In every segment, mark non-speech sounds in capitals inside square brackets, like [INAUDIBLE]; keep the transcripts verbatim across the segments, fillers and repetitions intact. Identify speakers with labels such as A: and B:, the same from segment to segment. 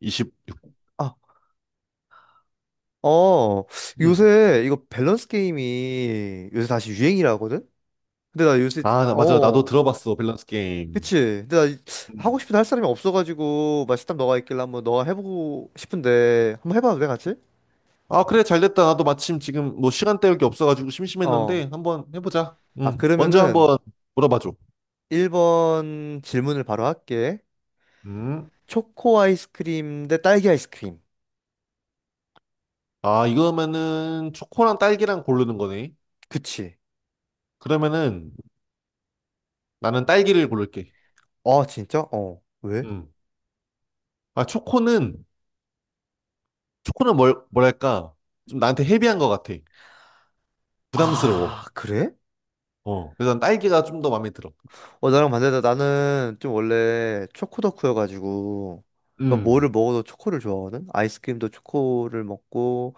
A: 이십.
B: 아, 어,
A: 음.
B: 요새 이거 밸런스 게임이 요새 다시 유행이라 하거든? 근데 나 요새,
A: 아, 나- 맞아. 나도
B: 어,
A: 들어봤어. 밸런스 게임.
B: 그치. 근데 나 이- 하고
A: 음.
B: 싶은데 할 사람이 없어가지고, 맛있다 너가 있길래 한번 너가 해보고 싶은데, 한번 해봐도 돼, 같이?
A: 아, 그래. 잘 됐다. 나도 마침 지금 뭐 시간 때울 게 없어가지고
B: 어.
A: 심심했는데 한번 해보자.
B: 아,
A: 음. 먼저
B: 그러면은
A: 한번 물어봐줘.
B: 일 번 질문을 바로 할게.
A: 음.
B: 초코 아이스크림 대 딸기 아이스크림.
A: 아, 이거면은 초코랑 딸기랑 고르는 거네.
B: 그치.
A: 그러면은 나는 딸기를 고를게.
B: 아, 진짜? 어. 왜?
A: 음. 아, 초코는, 초코는 뭘, 뭐랄까. 좀 나한테 헤비한 것 같아. 부담스러워.
B: 아, 그래?
A: 어. 그래서 난 딸기가 좀 더 마음에 들어.
B: 어, 나랑 반대다. 나는 좀 원래 초코 덕후여가지고, 그러니까 뭐를
A: 음.
B: 먹어도 초코를 좋아하거든? 아이스크림도 초코를 먹고,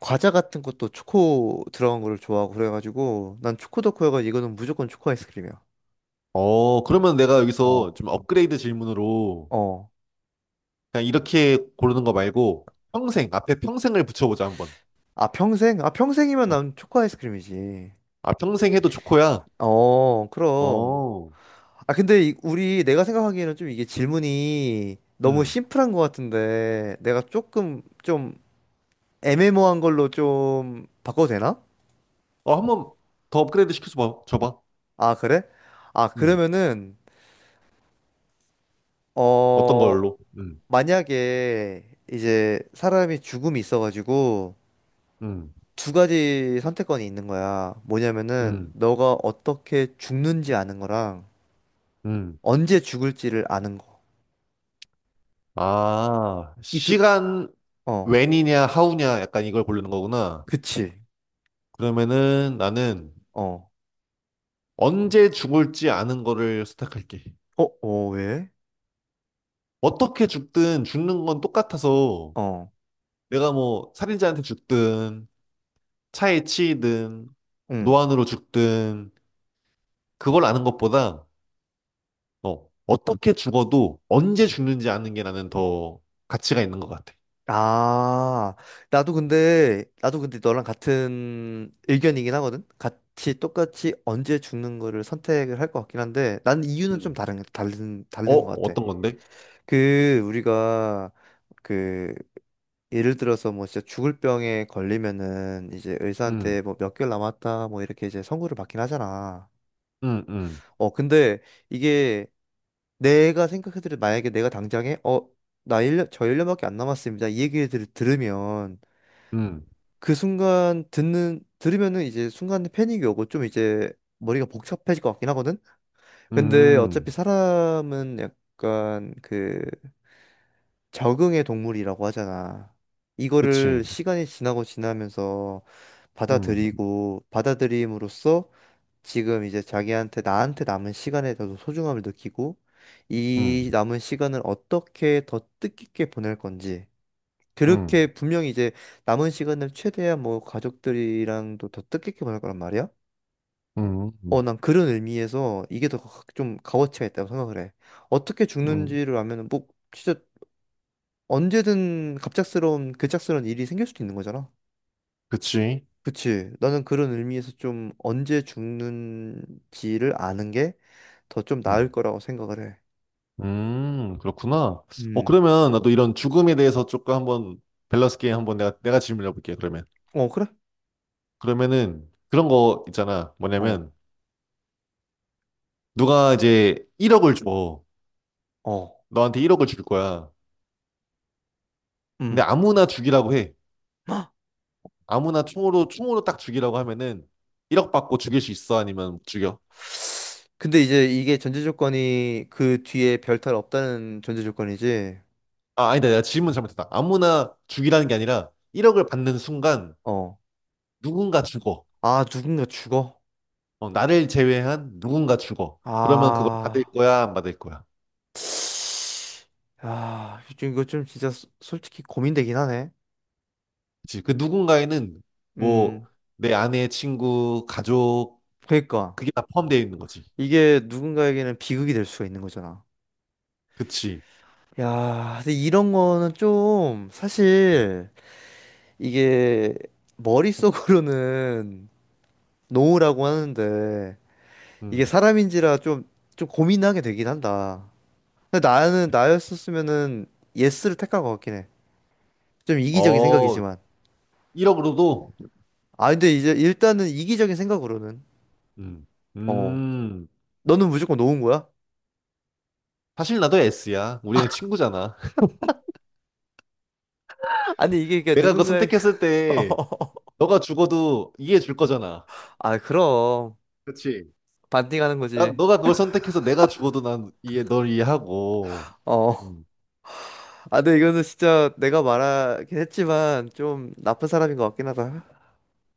B: 과자 같은 것도 초코 들어간 거를 좋아하고, 그래가지고, 난 초코 덕후여가지고, 이거는 무조건 초코 아이스크림이야.
A: 어, 그러면 내가 여기서
B: 어.
A: 좀 업그레이드 질문으로
B: 어.
A: 그냥 이렇게 고르는 거 말고 평생 앞에 평생을 붙여보자 한번.
B: 아, 평생? 아, 평생이면
A: 어,
B: 난 초코 아이스크림이지.
A: 아 평생 해도 좋고야.
B: 어, 그럼.
A: 어,
B: 아, 근데 이- 우리 내가 생각하기에는 좀 이게 질문이 너무
A: 음,
B: 심플한 것 같은데, 내가 조금 좀 애매모호한 걸로 좀 바꿔도 되나?
A: 어 한번 더 업그레이드 시켜줘 봐, 줘봐.
B: 아, 그래? 아,
A: 음,
B: 그러면은,
A: 어떤
B: 어,
A: 걸로? 음,
B: 만약에 이제 사람이 죽음이 있어가지고
A: 음,
B: 두 가지 선택권이 있는 거야. 뭐냐면은,
A: 음,
B: 너가 어떻게 죽는지 아는 거랑
A: 음.
B: 언제 죽을지를 아는 거.
A: 아
B: 이 두,
A: 시간
B: 어,
A: 웬이냐 하우냐 약간 이걸 고르는 거구나.
B: 그치.
A: 그러면은 나는
B: 어,
A: 언제 죽을지 아는 거를 선택할게.
B: 어, 어, 왜?
A: 어떻게 죽든 죽는 건 똑같아서
B: 어,
A: 내가 뭐 살인자한테 죽든 차에 치이든
B: 응.
A: 노안으로 죽든 그걸 아는 것보다 어, 어떻게 죽어도 언제 죽는지 아는 게 나는 더 가치가 있는 것 같아.
B: 아, 나도 근데, 나도 근데 너랑 같은 의견이긴 하거든? 같이 똑같이 언제 죽는 거를 선택을 할 것 같긴 한데, 난 이유는 좀
A: 음.
B: 다른, 다른,
A: 어,
B: 다른 것 같아.
A: 어떤 건데?
B: 그, 우리가, 그, 예를 들어서 뭐 진짜 죽을 병에 걸리면은 이제
A: 음,
B: 의사한테 뭐 몇 개월 남았다, 뭐 이렇게 이제 선고를 받긴 하잖아.
A: 음, 음,
B: 어, 근데 이게 내가 생각해도 만약에 내가 당장에, 어, 나 일 년저 일 년밖에 안 남았습니다. 이 얘기를 들- 들으면,
A: 음,
B: 그 순간 듣는 들으면은 이제 순간에 패닉이 오고 좀 이제 머리가 복잡해질 것 같긴 하거든. 근데
A: 음,
B: 어차피 사람은 약간 그 적응의 동물이라고 하잖아. 이거를
A: 그치.
B: 시간이 지나고 지나면서
A: 음,
B: 받아들이고 받아들임으로써 지금 이제 자기한테 나한테 남은 시간에 더 소중함을 느끼고
A: 음,
B: 이 남은 시간을 어떻게 더 뜻깊게 보낼 건지
A: 음,
B: 그렇게 분명히 이제 남은 시간을 최대한 뭐 가족들이랑도 더 뜻깊게 보낼 거란 말이야.
A: 음,
B: 어,
A: 음,
B: 난 그런 의미에서 이게 더 좀 값어치가 있다고 생각을 해. 어떻게
A: 음,
B: 죽는지를 알면은 뭐 진짜 언제든 갑작스러운 급작스러운 일이 생길 수도 있는 거잖아.
A: 그치.
B: 그치. 나는 그런 의미에서 좀 언제 죽는지를 아는 게 더 좀 나을
A: 음,
B: 거라고 생각을 해.
A: 음, 그렇구나. 어,
B: 음.
A: 그러면 나도 이런 죽음에 대해서 조금 한번 밸런스 게임 한번 내가, 내가 질문해 볼게, 그러면.
B: 어, 그래?
A: 그러면은 그런 거 있잖아.
B: 어.
A: 뭐냐면 누가 이제 일억을 줘.
B: 어.
A: 너한테 일억을 줄 거야. 근데
B: 음.
A: 아무나 죽이라고 해. 아무나 총으로, 총으로 딱 죽이라고 하면은 일억 받고 죽일 수 있어? 아니면 죽여?
B: 근데 이제 이게 전제 조건이 그 뒤에 별탈 없다는 전제 조건이지.
A: 아, 아니다. 내가 질문 잘못했다. 아무나 죽이라는 게 아니라 일억을 받는 순간
B: 어.
A: 누군가 죽어.
B: 아, 누군가 죽어?
A: 어, 나를 제외한 누군가 죽어. 그러면 그걸 받을
B: 아.
A: 거야? 안 받을 거야?
B: 아, 좀 이거 좀 진짜 소- 솔직히 고민되긴 하네.
A: 그치. 그 누군가에는 뭐
B: 음.
A: 내 아내, 친구, 가족,
B: 그러니까
A: 그게 다 포함되어 있는 거지.
B: 이게 누군가에게는 비극이 될 수가 있는 거잖아.
A: 그치.
B: 야, 근데 이런 거는 좀
A: 음.
B: 사실 이게 머릿속으로는 노우라고 하는데 이게
A: 음.
B: 사람인지라 좀 좀 고민하게 되긴 한다. 근데 나는 나였었으면은 예스를 택할 것 같긴 해. 좀 이기적인
A: 어,
B: 생각이지만.
A: 일억으로도
B: 아, 근데 이제 일단은 이기적인 생각으로는
A: 음.
B: 어,
A: 음.
B: 너는 무조건 놓은 거야?
A: 사실 나도 S야. 우리는 친구잖아. [LAUGHS]
B: [LAUGHS] 아니 이게 그냥
A: 내가 그거
B: 누군가의
A: 선택했을 때
B: [LAUGHS]
A: 너가 죽어도 이해해 줄 거잖아.
B: 아, 그럼
A: 그치?
B: 반띵하는
A: 나,
B: 거지.
A: 너가 그걸 선택해서 내가 죽어도 난 이해, 널 이해하고.
B: 어.
A: 음.
B: 아, 근데 이거는 진짜 내가 말하긴 했지만 좀 나쁜 사람인 것 같긴 하다.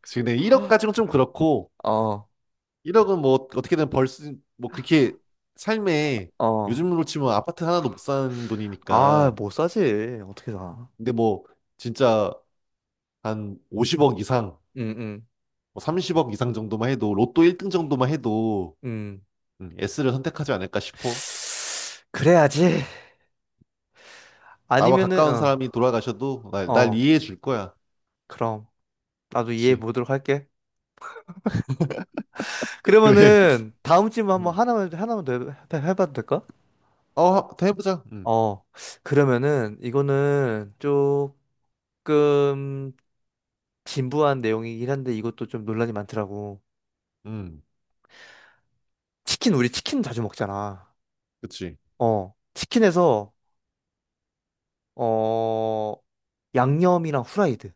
A: 그치. 근데 일억까지는 좀 그렇고,
B: 어.
A: 일억은 뭐 어떻게든 벌 수, 뭐 그렇게 삶에
B: 어.
A: 요즘으로 치면 아파트 하나도 못 사는
B: 아,
A: 돈이니까.
B: 못 사지. 어떻게 사?
A: 근데 뭐 진짜 한 오십억 이상,
B: 음, 음,
A: 뭐 삼십억 이상 정도만 해도, 로또 일 등 정도만 해도
B: 음.
A: 음, S를 선택하지 않을까 싶어.
B: 그래야지.
A: 나와
B: 아니면은
A: 가까운
B: 어.
A: 사람이 돌아가셔도 날, 날
B: 어.
A: 이해해 줄 거야.
B: 그럼 나도 이해해
A: 그치.
B: 보도록 할게.
A: [LAUGHS] 그래.
B: 그러면은 다음 질문 한번
A: 음.
B: 하나만 하나만 더 해- 해봐도 될까?
A: 어, 더 해보자. 음,
B: 어, 그러면은 이거는 조금 진부한 내용이긴 한데 이것도 좀 논란이 많더라고.
A: 음,
B: 치킨 우리 치킨 자주 먹잖아.
A: 그치.
B: 어, 치킨에서 어, 양념이랑 후라이드.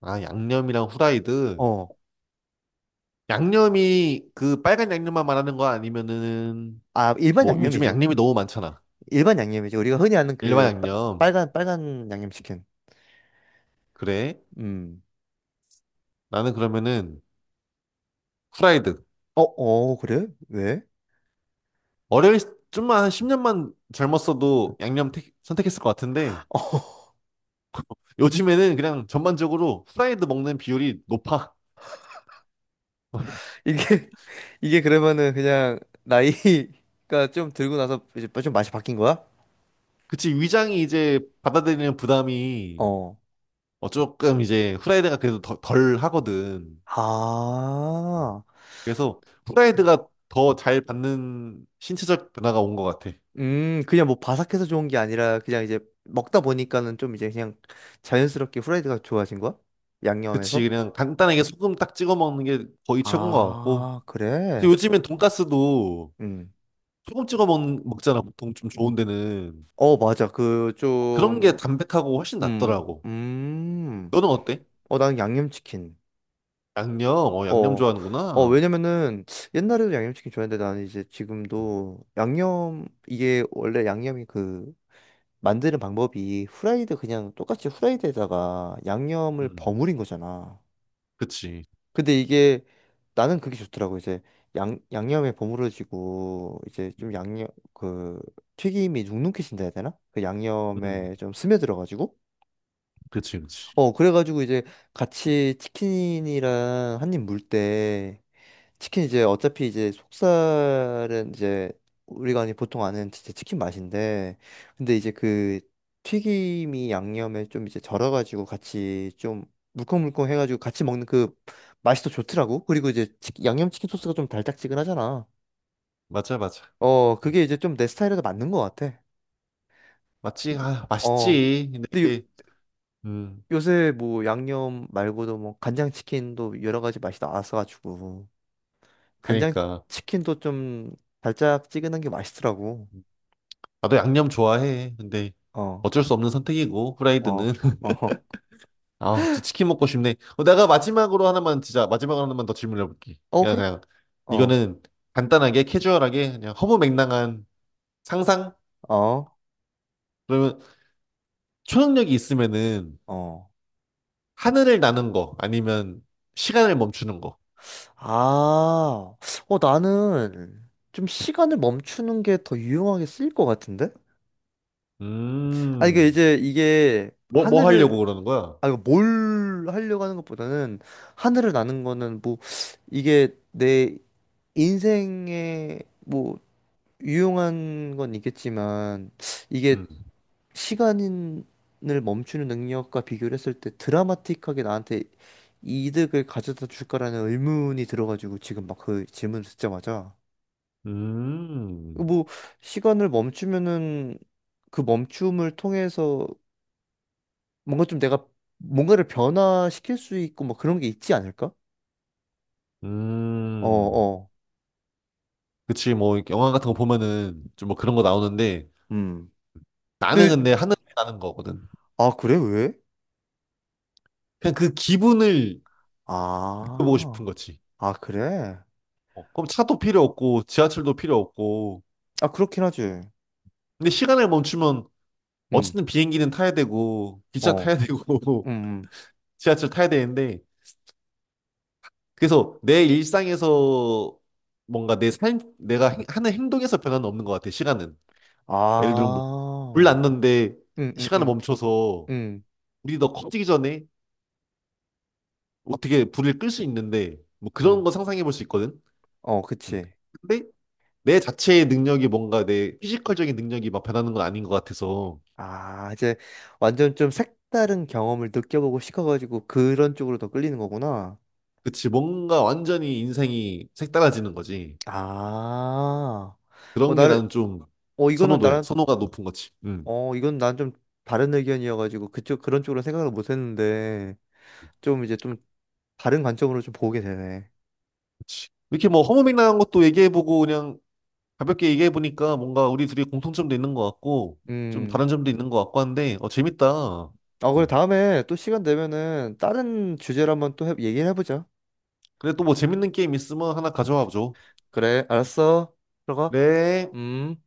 A: 아, 양념이랑
B: 어,
A: 후라이드.
B: 아,
A: 양념이 그 빨간 양념만 말하는 거 아니면은,
B: 일반
A: 뭐, 요즘에
B: 양념이지.
A: 양념이 너무 많잖아.
B: 일반 양념이지. 우리가 흔히 아는
A: 일반
B: 그 빨-
A: 양념.
B: 빨간 빨간 양념 치킨.
A: 그래.
B: 음.
A: 나는 그러면은 후라이드.
B: 어, 어, 그래? 왜?
A: 어릴, 좀만 한 십 년만 젊었어도 양념 택- 선택했을 것 같은데,
B: [LAUGHS]
A: 요즘에는 그냥 전반적으로 후라이드 먹는 비율이 높아.
B: 이게 [LAUGHS] 이게 그러면은 그냥 나이가 좀 들고 나서 이제 좀 맛이 바뀐 거야?
A: 그치, 위장이 이제 받아들이는 부담이
B: 어.
A: 어, 조금 이제 후라이드가 그래도 더- 덜 하거든. 음.
B: 아.
A: 그래서 후라이드가 더 잘 받는 신체적 변화가 온 것 같아.
B: 음, 그냥 뭐 바삭해서 좋은 게 아니라 그냥 이제 먹다 보니까는 좀 이제 그냥 자연스럽게 후라이드가 좋아진 거야? 양념에서?
A: 그치, 그냥 간단하게 소금 딱 찍어 먹는 게 거의 최고인 것 같고.
B: 아,
A: 근데
B: 그래.
A: 요즘엔 돈가스도
B: 음.
A: 소금 찍어 먹, 먹잖아, 보통 좀 좋은 데는.
B: 어, 맞아. 그
A: 어, 그런 게
B: 좀
A: 담백하고 훨씬
B: 음.
A: 낫더라고.
B: 음.
A: 너는 어때?
B: 어, 나는 양념치킨.
A: 양념, 어, 양념
B: 어, 어,
A: 좋아하는구나.
B: 왜냐면은 옛날에도 양념치킨 좋아했는데 나는 이제
A: 음,
B: 지금도 양념, 이게 원래 양념이 그 만드는 방법이 후라이드 그냥 똑같이 후라이드에다가 양념을
A: 음.
B: 버무린 거잖아.
A: 그치.
B: 근데 이게 나는 그게 좋더라고. 이제 양, 양념에 버무려지고 이제
A: 음,
B: 좀 양념, 그 튀김이 눅눅해진다 해야 되나? 그
A: 음.
B: 양념에 좀 스며들어가지고
A: 그치, 그치.
B: 어, 그래가지고 이제 같이 치킨이랑 한입 물 때, 치킨 이제 어차피 이제 속살은 이제 우리가 아니 보통 아는 진짜 치킨 맛인데, 근데 이제 그 튀김이 양념에 좀 이제 절여가지고 같이 좀 물컹물컹 해가지고 같이 먹는 그 맛이 더 좋더라고. 그리고 이제 치 양념치킨 소스가 좀 달짝지근하잖아.
A: 맞아, 맞아.
B: 어, 그게 이제 좀 내 스타일에도 맞는 것 같아.
A: 맞지?
B: 근데,
A: 아,
B: 어.
A: 맛있지. 근데
B: 근데
A: 이게, 음,
B: 요새 뭐 양념 말고도 뭐 간장치킨도 여러 가지 맛이 나와서가지고
A: 그러니까.
B: 간장치킨도 좀 달짝지근한 게 맛있더라고.
A: 나도 양념 좋아해. 근데
B: 어,
A: 어쩔 수 없는 선택이고,
B: 어,
A: 후라이드는.
B: 어,
A: [LAUGHS]
B: 어,
A: 아, 갑자기 치킨 먹고 싶네. 어, 내가 마지막으로 하나만, 진짜, 마지막으로 하나만 더 질문해볼게.
B: 어,
A: 그냥,
B: 그래?
A: 그냥,
B: 어,
A: 이거는 간단하게, 캐주얼하게, 그냥 허무맹랑한 상상?
B: 어,
A: 그러면 초능력이 있으면은
B: 어.
A: 하늘을 나는 거, 아니면 시간을 멈추는 거.
B: 아, 어, 나는 좀 시간을 멈추는 게 더 유용하게 쓰일 것 같은데? 아, 이게
A: 음,
B: 이제 이게
A: 뭐, 뭐
B: 하늘을,
A: 하려고 그러는 거야?
B: 아, 이거 뭘 하려고 하는 것보다는 하늘을 나는 거는 뭐 이게 내 인생의 뭐 유용한 건 있겠지만 이게
A: 음,
B: 시간을 멈추는 능력과 비교를 했을 때 드라마틱하게 나한테 이득을 가져다 줄까라는 의문이 들어가지고 지금 막 그 질문을 듣자마자
A: 음,
B: 뭐 시간을 멈추면은 그 멈춤을 통해서 뭔가 좀 내가 뭔가를 변화시킬 수 있고 뭐 그런 게 있지 않을까? 어,
A: 음.
B: 어.
A: 그치, 뭐, 영화 같은 거 보면은 좀 뭐 그런 거 나오는데
B: 음.
A: 나는
B: 근데
A: 근데 하늘에 나는 거거든.
B: 아, 그래, 왜?
A: 그냥 그 기분을 느껴보고 싶은
B: 아.
A: 거지.
B: 아, 그래?
A: 어, 그럼 차도 필요 없고, 지하철도 필요 없고.
B: 아, 그렇긴 하지.
A: 근데 시간을 멈추면
B: 음.
A: 어쨌든 비행기는 타야 되고, 기차
B: 어.
A: 타야 되고,
B: 음,
A: [LAUGHS]
B: 음.
A: 지하철 타야 되는데. 그래서 내 일상에서 뭔가 내 삶, 내가 행- 하는 행동에서 변화는 없는 것 같아, 시간은. 그러니까 예를 들면 뭐, 불
B: 아,
A: 났는데
B: 음, 음,
A: 시간을
B: 음,
A: 멈춰서
B: 음,
A: 우리 너 커지기 전에 어떻게 불을 끌 수 있는데 뭐 그런
B: 음.
A: 거 상상해 볼 수 있거든.
B: 어,
A: 음.
B: 그치.
A: 근데 내 자체의 능력이 뭔가 내 피지컬적인 능력이 막 변하는 건 아닌 것 같아서
B: 아, 이제 완전 좀 색다른 경험을 느껴보고 싶어가지고 그런 쪽으로 더 끌리는 거구나.
A: 그치 뭔가 완전히 인생이 색달라지는 거지.
B: 아, 어,
A: 그런 게
B: 나를,
A: 나는 좀
B: 어, 이거는
A: 선호도야.
B: 나랑,
A: 선호가 높은 거지. 음.
B: 어, 이건 난 좀 다른 의견이어가지고 그쪽, 그런 쪽으로 생각을 못 했는데 좀 이제 좀 다른 관점으로 좀 보게 되네.
A: 그치. 이렇게 뭐 허무맹랑한 것도 얘기해보고 그냥 가볍게 얘기해보니까 뭔가 우리 둘이 공통점도 있는 것 같고 좀
B: 음.
A: 다른 점도 있는 것 같고 한데 어 재밌다.
B: 아, 그래,
A: 음.
B: 다음에 또 시간 되면은 다른 주제로 한번 또 해- 얘기를 해보자.
A: 그래 또 뭐 재밌는 게임 있으면 하나 가져와 줘. 죠
B: 그래, 알았어. 들어가.
A: 네
B: 음.